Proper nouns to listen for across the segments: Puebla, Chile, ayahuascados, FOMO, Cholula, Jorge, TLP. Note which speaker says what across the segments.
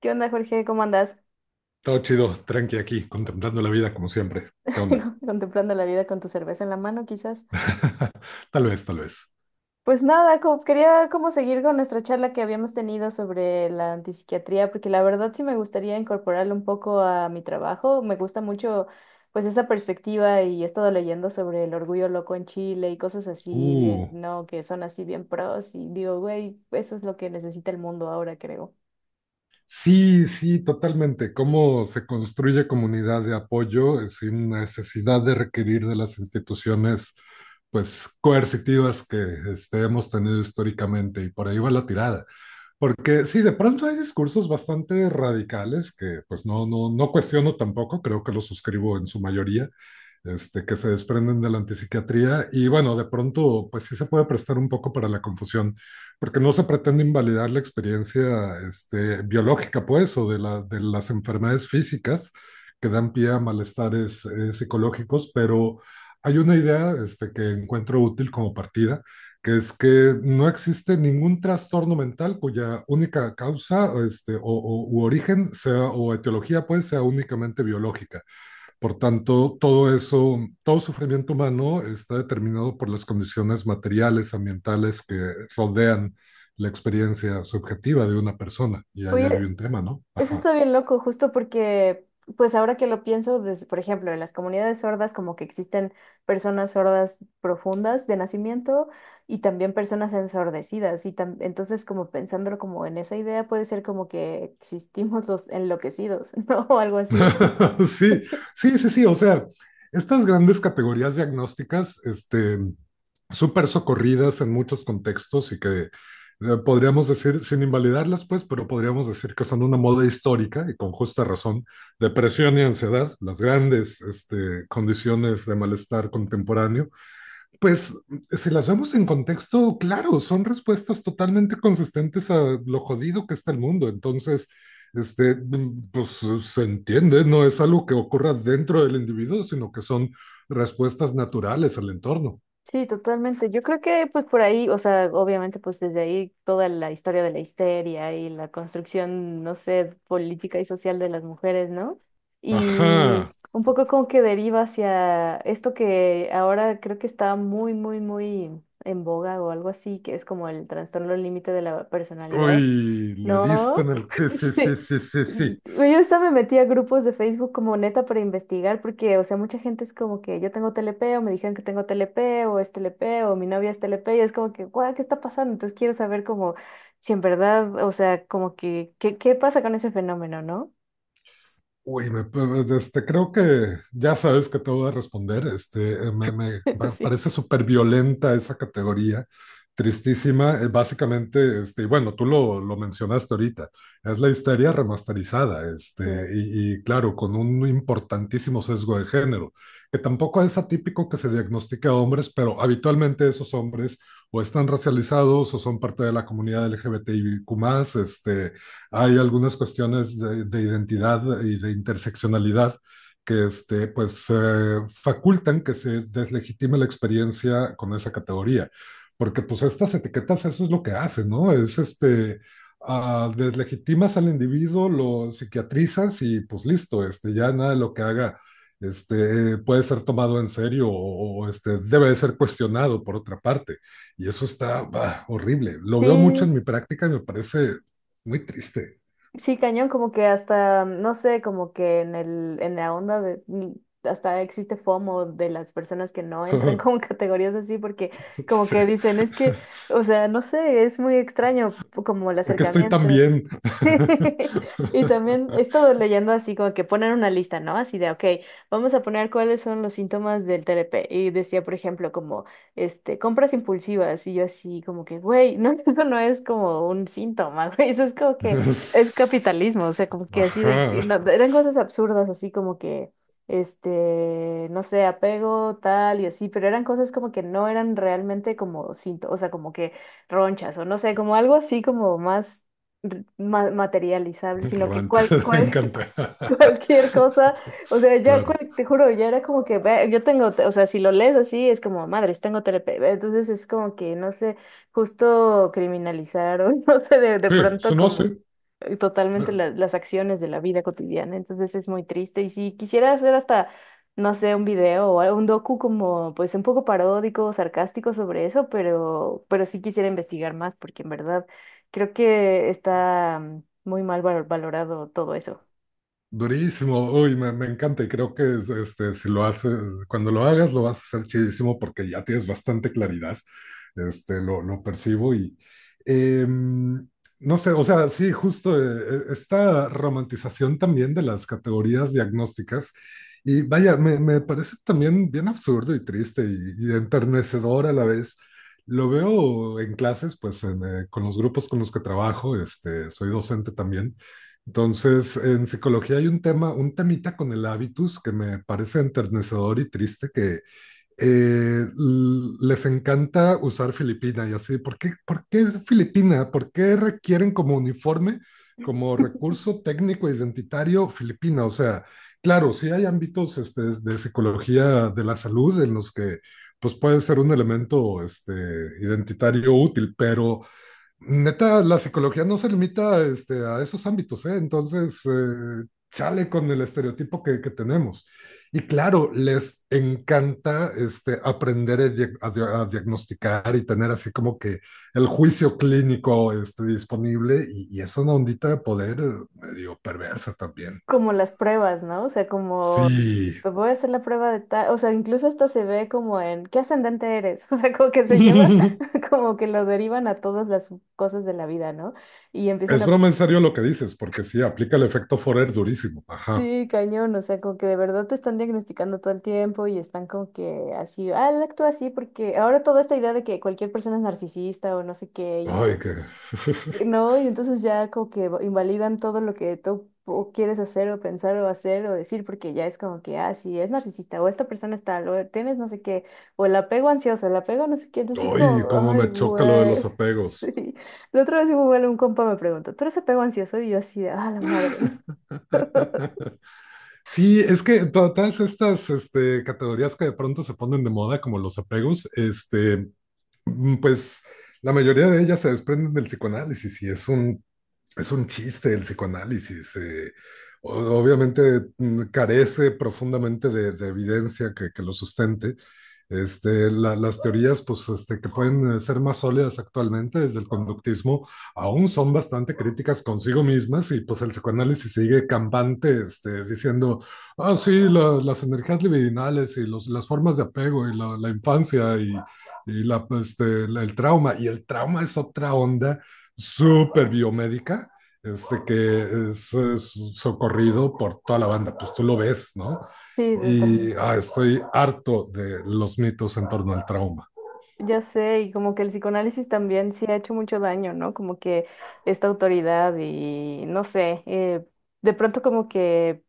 Speaker 1: ¿Qué onda, Jorge? ¿Cómo andas?
Speaker 2: Todo chido, tranqui aquí, contemplando la vida como siempre. ¿Qué onda?
Speaker 1: Contemplando la vida con tu cerveza en la mano, quizás.
Speaker 2: Tal vez, tal vez.
Speaker 1: Pues nada, quería como seguir con nuestra charla que habíamos tenido sobre la antipsiquiatría, porque la verdad sí me gustaría incorporarlo un poco a mi trabajo. Me gusta mucho pues esa perspectiva y he estado leyendo sobre el orgullo loco en Chile y cosas así bien,
Speaker 2: Uh,
Speaker 1: ¿no? Que son así bien pros y digo, güey, eso es lo que necesita el mundo ahora, creo.
Speaker 2: sí, sí, totalmente. ¿Cómo se construye comunidad de apoyo sin necesidad de requerir de las instituciones, pues, coercitivas que hemos tenido históricamente? Y por ahí va la tirada. Porque sí, de pronto hay discursos bastante radicales que pues no, no cuestiono tampoco, creo que los suscribo en su mayoría, que se desprenden de la antipsiquiatría y bueno, de pronto pues sí se puede prestar un poco para la confusión, porque no se pretende invalidar la experiencia biológica pues o de las enfermedades físicas que dan pie a malestares psicológicos, pero hay una idea que encuentro útil como partida, que es que no existe ningún trastorno mental cuya única causa u origen sea, o etiología pues sea únicamente biológica. Por tanto, todo eso, todo sufrimiento humano está determinado por las condiciones materiales, ambientales que rodean la experiencia subjetiva de una persona. Y ahí hay
Speaker 1: Oye,
Speaker 2: un tema, ¿no?
Speaker 1: eso
Speaker 2: Ajá.
Speaker 1: está bien loco, justo porque, pues ahora que lo pienso, por ejemplo, en las comunidades sordas, como que existen personas sordas profundas de nacimiento y también personas ensordecidas. Entonces, como pensándolo como en esa idea, puede ser como que existimos los enloquecidos, ¿no? O algo así.
Speaker 2: Sí, sí, sí, sí. O sea, estas grandes categorías diagnósticas, súper socorridas en muchos contextos y que podríamos decir, sin invalidarlas, pues, pero podríamos decir que son una moda histórica y con justa razón, depresión y ansiedad, las grandes condiciones de malestar contemporáneo, pues si las vemos en contexto, claro, son respuestas totalmente consistentes a lo jodido que está el mundo. Entonces, pues se entiende, no es algo que ocurra dentro del individuo, sino que son respuestas naturales al entorno.
Speaker 1: Sí, totalmente. Yo creo que pues por ahí, o sea, obviamente pues desde ahí toda la historia de la histeria y la construcción, no sé, política y social de las mujeres, ¿no? Y
Speaker 2: Ajá.
Speaker 1: un poco como que deriva hacia esto que ahora creo que está muy, muy, muy en boga o algo así, que es como el trastorno límite de la personalidad
Speaker 2: Uy, le diste
Speaker 1: no,
Speaker 2: en el... Sí, sí,
Speaker 1: sí.
Speaker 2: sí, sí, sí, sí.
Speaker 1: Güey, yo hasta me metí a grupos de Facebook como neta para investigar, porque, o sea, mucha gente es como que yo tengo TLP, o me dijeron que tengo TLP, o es TLP, o mi novia es TLP, y es como que, guau, ¿qué está pasando? Entonces quiero saber como si en verdad, o sea, como que, ¿qué, qué pasa con ese fenómeno, no?
Speaker 2: Uy, pues, creo que ya sabes que te voy a responder.
Speaker 1: Sí.
Speaker 2: Parece súper violenta esa categoría, tristísima. Básicamente, y bueno, lo mencionaste ahorita, es la histeria remasterizada,
Speaker 1: Sí.
Speaker 2: y claro, con un importantísimo sesgo de género, que tampoco es atípico que se diagnostique a hombres, pero habitualmente esos hombres o están racializados o son parte de la comunidad LGBTIQ+, este hay algunas cuestiones de identidad y de interseccionalidad que facultan que se deslegitime la experiencia con esa categoría. Porque pues estas etiquetas eso es lo que hacen, ¿no? Es deslegitimas al individuo, lo psiquiatrizas y pues listo, ya nada de lo que haga puede ser tomado en serio debe de ser cuestionado por otra parte. Y eso está bah, horrible. Lo veo mucho en
Speaker 1: Sí.
Speaker 2: mi práctica y me parece muy triste.
Speaker 1: Sí, cañón, como que hasta, no sé, como que en el, en la onda de, hasta existe FOMO de las personas que no entran como en categorías así, porque como
Speaker 2: Sí.
Speaker 1: que dicen, es que, o sea, no sé, es muy extraño como el
Speaker 2: ¿Por qué estoy tan
Speaker 1: acercamiento.
Speaker 2: bien?
Speaker 1: Sí. Y también he estado leyendo así como que ponen una lista, ¿no? Así de, ok, vamos a poner cuáles son los síntomas del TLP. Y decía, por ejemplo, como, compras impulsivas. Y yo así como que, güey, no, eso no es como un síntoma, güey, eso es como que el capitalismo, o sea, como que así de,
Speaker 2: Ajá,
Speaker 1: no, eran cosas absurdas, así como que, no sé, apego, tal y así, pero eran cosas como que no eran realmente como cinto, o sea, como que ronchas, o no sé, como algo así como más, materializable, sino que
Speaker 2: rancho,
Speaker 1: cuál,
Speaker 2: me
Speaker 1: cuál,
Speaker 2: encanta.
Speaker 1: cualquier cosa, o sea,
Speaker 2: Claro.
Speaker 1: te juro, ya era como que ve, yo tengo, o sea, si lo lees así es como, madres, tengo TLP, entonces es como que, no sé, justo criminalizaron, no sé, de
Speaker 2: Sí, eso
Speaker 1: pronto
Speaker 2: no, sí.
Speaker 1: como totalmente
Speaker 2: Eh,
Speaker 1: las acciones de la vida cotidiana, entonces es muy triste y si quisiera hacer hasta, no sé, un video o algo- un docu como, pues un poco paródico, sarcástico sobre eso, pero sí quisiera investigar más porque en verdad creo que está muy mal valorado todo eso.
Speaker 2: Durísimo, uy, me encanta y creo que es, si lo haces, cuando lo hagas lo vas a hacer chidísimo porque ya tienes bastante claridad, lo percibo y em, no sé, o sea, sí, justo esta romantización también de las categorías diagnósticas y vaya, me parece también bien absurdo y triste y enternecedor a la vez. Lo veo en clases, con los grupos con los que trabajo, soy docente también. Entonces, en psicología hay un tema, un temita con el hábitus que me parece enternecedor y triste, que les encanta usar Filipina y así. Por qué es Filipina? ¿Por qué requieren como uniforme, como recurso técnico e identitario Filipina? O sea, claro, sí hay ámbitos de psicología de la salud en los que pues puede ser un elemento identitario útil, pero neta, la psicología no se limita a esos ámbitos, ¿eh? Entonces, chale con el estereotipo que tenemos. Y claro, les encanta aprender a, a diagnosticar y tener así como que el juicio clínico disponible y es una ondita de poder medio perversa también.
Speaker 1: Como las pruebas, ¿no? O sea, como
Speaker 2: Sí.
Speaker 1: te voy a hacer la prueba de tal, o sea, incluso hasta se ve como en ¿qué ascendente eres? O sea, como que se lleva, como que lo derivan a todas las cosas de la vida, ¿no? Y empiezan
Speaker 2: Es
Speaker 1: a,
Speaker 2: broma en serio lo que dices, porque sí, aplica el efecto Forer durísimo. Ajá.
Speaker 1: sí, cañón, o sea, como que de verdad te están diagnosticando todo el tiempo y están como que así, ah, él actúa así porque ahora toda esta idea de que cualquier persona es narcisista o no sé qué, y
Speaker 2: Ay,
Speaker 1: entonces
Speaker 2: qué...
Speaker 1: no, y entonces ya como que invalidan todo lo que tú o quieres hacer o pensar o hacer o decir, porque ya es como que, ah, sí, es narcisista, o esta persona está tal, o tienes no sé qué, o el apego ansioso, el apego no sé qué, entonces es como,
Speaker 2: Ay, cómo
Speaker 1: ay,
Speaker 2: me choca lo de
Speaker 1: güey,
Speaker 2: los apegos.
Speaker 1: sí. La otra vez igual un compa me preguntó, ¿tú eres apego ansioso? Y yo así, de, ah, la madre, ¿no?
Speaker 2: Sí, es que todas estas categorías que de pronto se ponen de moda, como los apegos, pues la mayoría de ellas se desprenden del psicoanálisis y es un... Es un chiste el psicoanálisis. Obviamente carece profundamente de evidencia que lo sustente. Las teorías pues, que pueden ser más sólidas actualmente desde el conductismo aún son bastante críticas consigo mismas y pues el psicoanálisis sigue campante diciendo, ah, sí, las energías libidinales y las formas de apego y la infancia y la, pues, este, la- el trauma. Y el trauma es otra onda súper biomédica, es socorrido por toda la banda, pues tú lo ves, ¿no?
Speaker 1: Sí,
Speaker 2: Y
Speaker 1: totalmente.
Speaker 2: ah, estoy harto de los mitos en torno al trauma.
Speaker 1: Ya sé, y como que el psicoanálisis también sí ha hecho mucho daño, ¿no? Como que esta autoridad y no sé, de pronto como que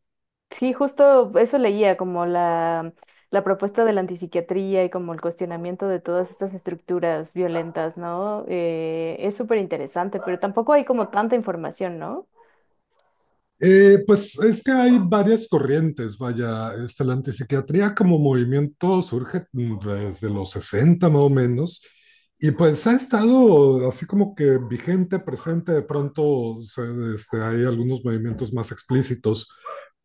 Speaker 1: sí, justo eso leía, como la propuesta de la antipsiquiatría y como el cuestionamiento de todas estas estructuras violentas, ¿no? Es súper interesante, pero tampoco hay como tanta información, ¿no?
Speaker 2: Pues es que hay varias corrientes, vaya, la antipsiquiatría como movimiento surge desde los 60 más o menos, y pues ha estado así como que vigente, presente, de pronto se- este, hay algunos movimientos más explícitos,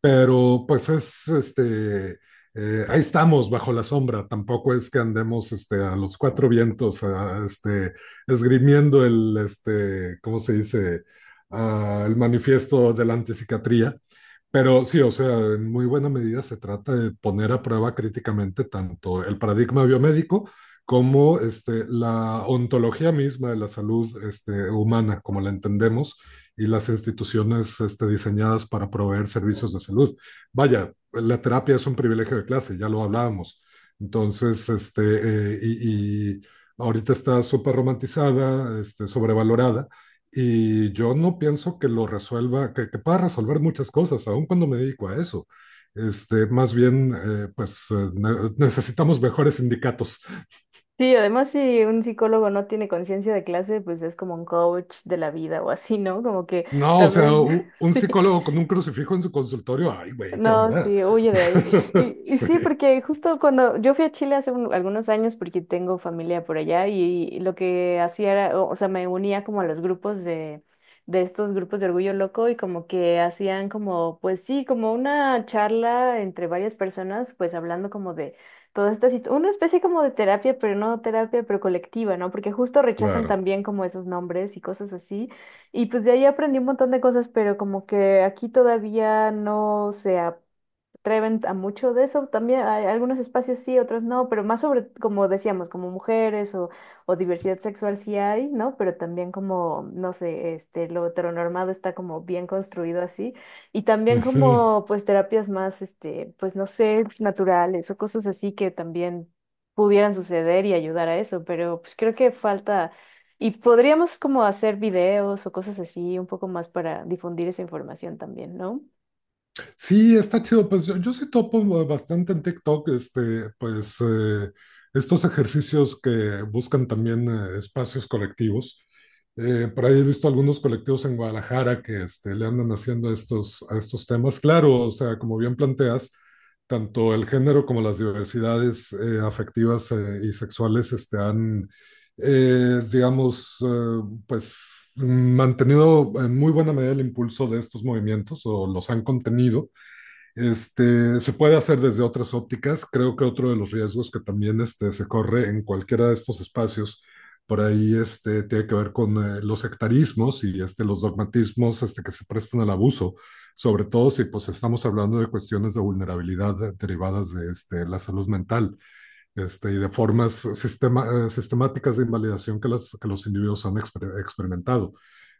Speaker 2: pero pues es, ahí estamos bajo la sombra, tampoco es que andemos a los cuatro vientos, esgrimiendo el, ¿cómo se dice? Al manifiesto de la antipsiquiatría. Pero sí, o sea, en muy buena medida se trata de poner a prueba críticamente tanto el paradigma biomédico como la ontología misma de la salud humana, como la entendemos, y las instituciones diseñadas para proveer servicios de salud. Vaya, la terapia es un privilegio de clase, ya lo hablábamos. Entonces, y ahorita está súper romantizada, sobrevalorada, y yo no pienso que lo resuelva, que pueda resolver muchas cosas, aun cuando me dedico a eso. Más bien, necesitamos mejores sindicatos.
Speaker 1: Sí, además si un psicólogo no tiene conciencia de clase, pues es como un coach de la vida o así, ¿no? Como que
Speaker 2: No, o sea,
Speaker 1: también,
Speaker 2: un
Speaker 1: sí,
Speaker 2: psicólogo con un crucifijo en su consultorio, ay, güey, ¿qué
Speaker 1: no,
Speaker 2: onda?
Speaker 1: sí, huye de ahí. Y
Speaker 2: Sí,
Speaker 1: sí, porque justo cuando yo fui a Chile hace algunos años, porque tengo familia por allá, y, lo que hacía era, o sea, me unía como a los grupos de estos grupos de orgullo loco y como que hacían como, pues sí, como una charla entre varias personas, pues hablando como de toda esta situación, una especie como de terapia, pero no terapia, pero colectiva, ¿no? Porque justo rechazan
Speaker 2: claro.
Speaker 1: también como esos nombres y cosas así. Y pues de ahí aprendí un montón de cosas, pero como que aquí todavía no se, treven a mucho de eso. También hay algunos espacios sí, otros no, pero más sobre, como decíamos, como mujeres o diversidad sexual sí hay, ¿no? Pero también como, no sé, lo heteronormado está como bien construido así. Y también
Speaker 2: Ujú.
Speaker 1: como, pues, terapias más, pues, no sé, naturales o cosas así que también pudieran suceder y ayudar a eso, pero pues creo que falta, y podríamos como hacer videos o cosas así un poco más para difundir esa información también, ¿no?
Speaker 2: Sí, está chido. Pues yo sí topo bastante en TikTok, estos ejercicios que buscan también espacios colectivos. Por ahí he visto algunos colectivos en Guadalajara que le andan haciendo a estos temas. Claro, o sea, como bien planteas, tanto el género como las diversidades afectivas y sexuales han, digamos, pues mantenido en muy buena medida el impulso de estos movimientos o los han contenido. Se puede hacer desde otras ópticas. Creo que otro de los riesgos que también se corre en cualquiera de estos espacios, por ahí tiene que ver con los sectarismos y los dogmatismos, que se prestan al abuso, sobre todo si pues, estamos hablando de cuestiones de vulnerabilidad derivadas de la salud mental, y de formas sistemáticas de invalidación que, que los individuos han experimentado.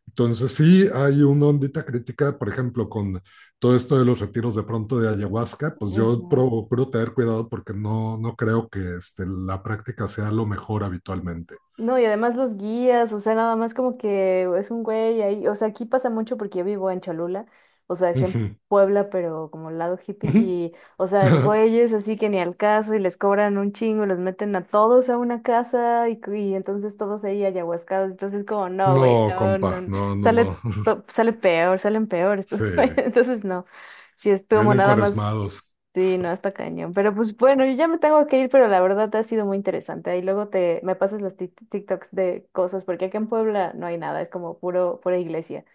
Speaker 2: Entonces sí, hay una ondita crítica, por ejemplo, con todo esto de los retiros de pronto de ayahuasca, pues yo
Speaker 1: Ujú.
Speaker 2: procuro tener cuidado porque no, no creo que la práctica sea lo mejor habitualmente.
Speaker 1: No, y además los guías, o sea, nada más como que es un güey ahí, o sea, aquí pasa mucho porque yo vivo en Cholula, o sea, es en
Speaker 2: Ujú,
Speaker 1: Puebla, pero como al lado hippie,
Speaker 2: ujú.
Speaker 1: y, o sea, güeyes así que ni al caso, y les cobran un chingo, y los meten a todos a una casa, y entonces todos ahí ayahuascados, entonces como, no,
Speaker 2: No,
Speaker 1: güey, no, no,
Speaker 2: compa,
Speaker 1: no,
Speaker 2: no, no, no.
Speaker 1: sale, sale peor, salen peor estos
Speaker 2: Sí,
Speaker 1: güeyes, entonces no, si es como
Speaker 2: vienen
Speaker 1: nada más
Speaker 2: cuaresmados.
Speaker 1: sí, no, está cañón. Pero pues bueno, yo ya me tengo que ir, pero la verdad ha sido muy interesante. Ahí luego te me pasas los TikToks de cosas, porque aquí en Puebla no hay nada, es como puro, pura iglesia.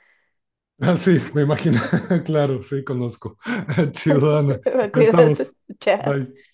Speaker 2: Ah, sí, me imagino. Claro, sí, conozco. Chido, Ana. Ahí estamos.
Speaker 1: Cuídate. Chao.
Speaker 2: Bye.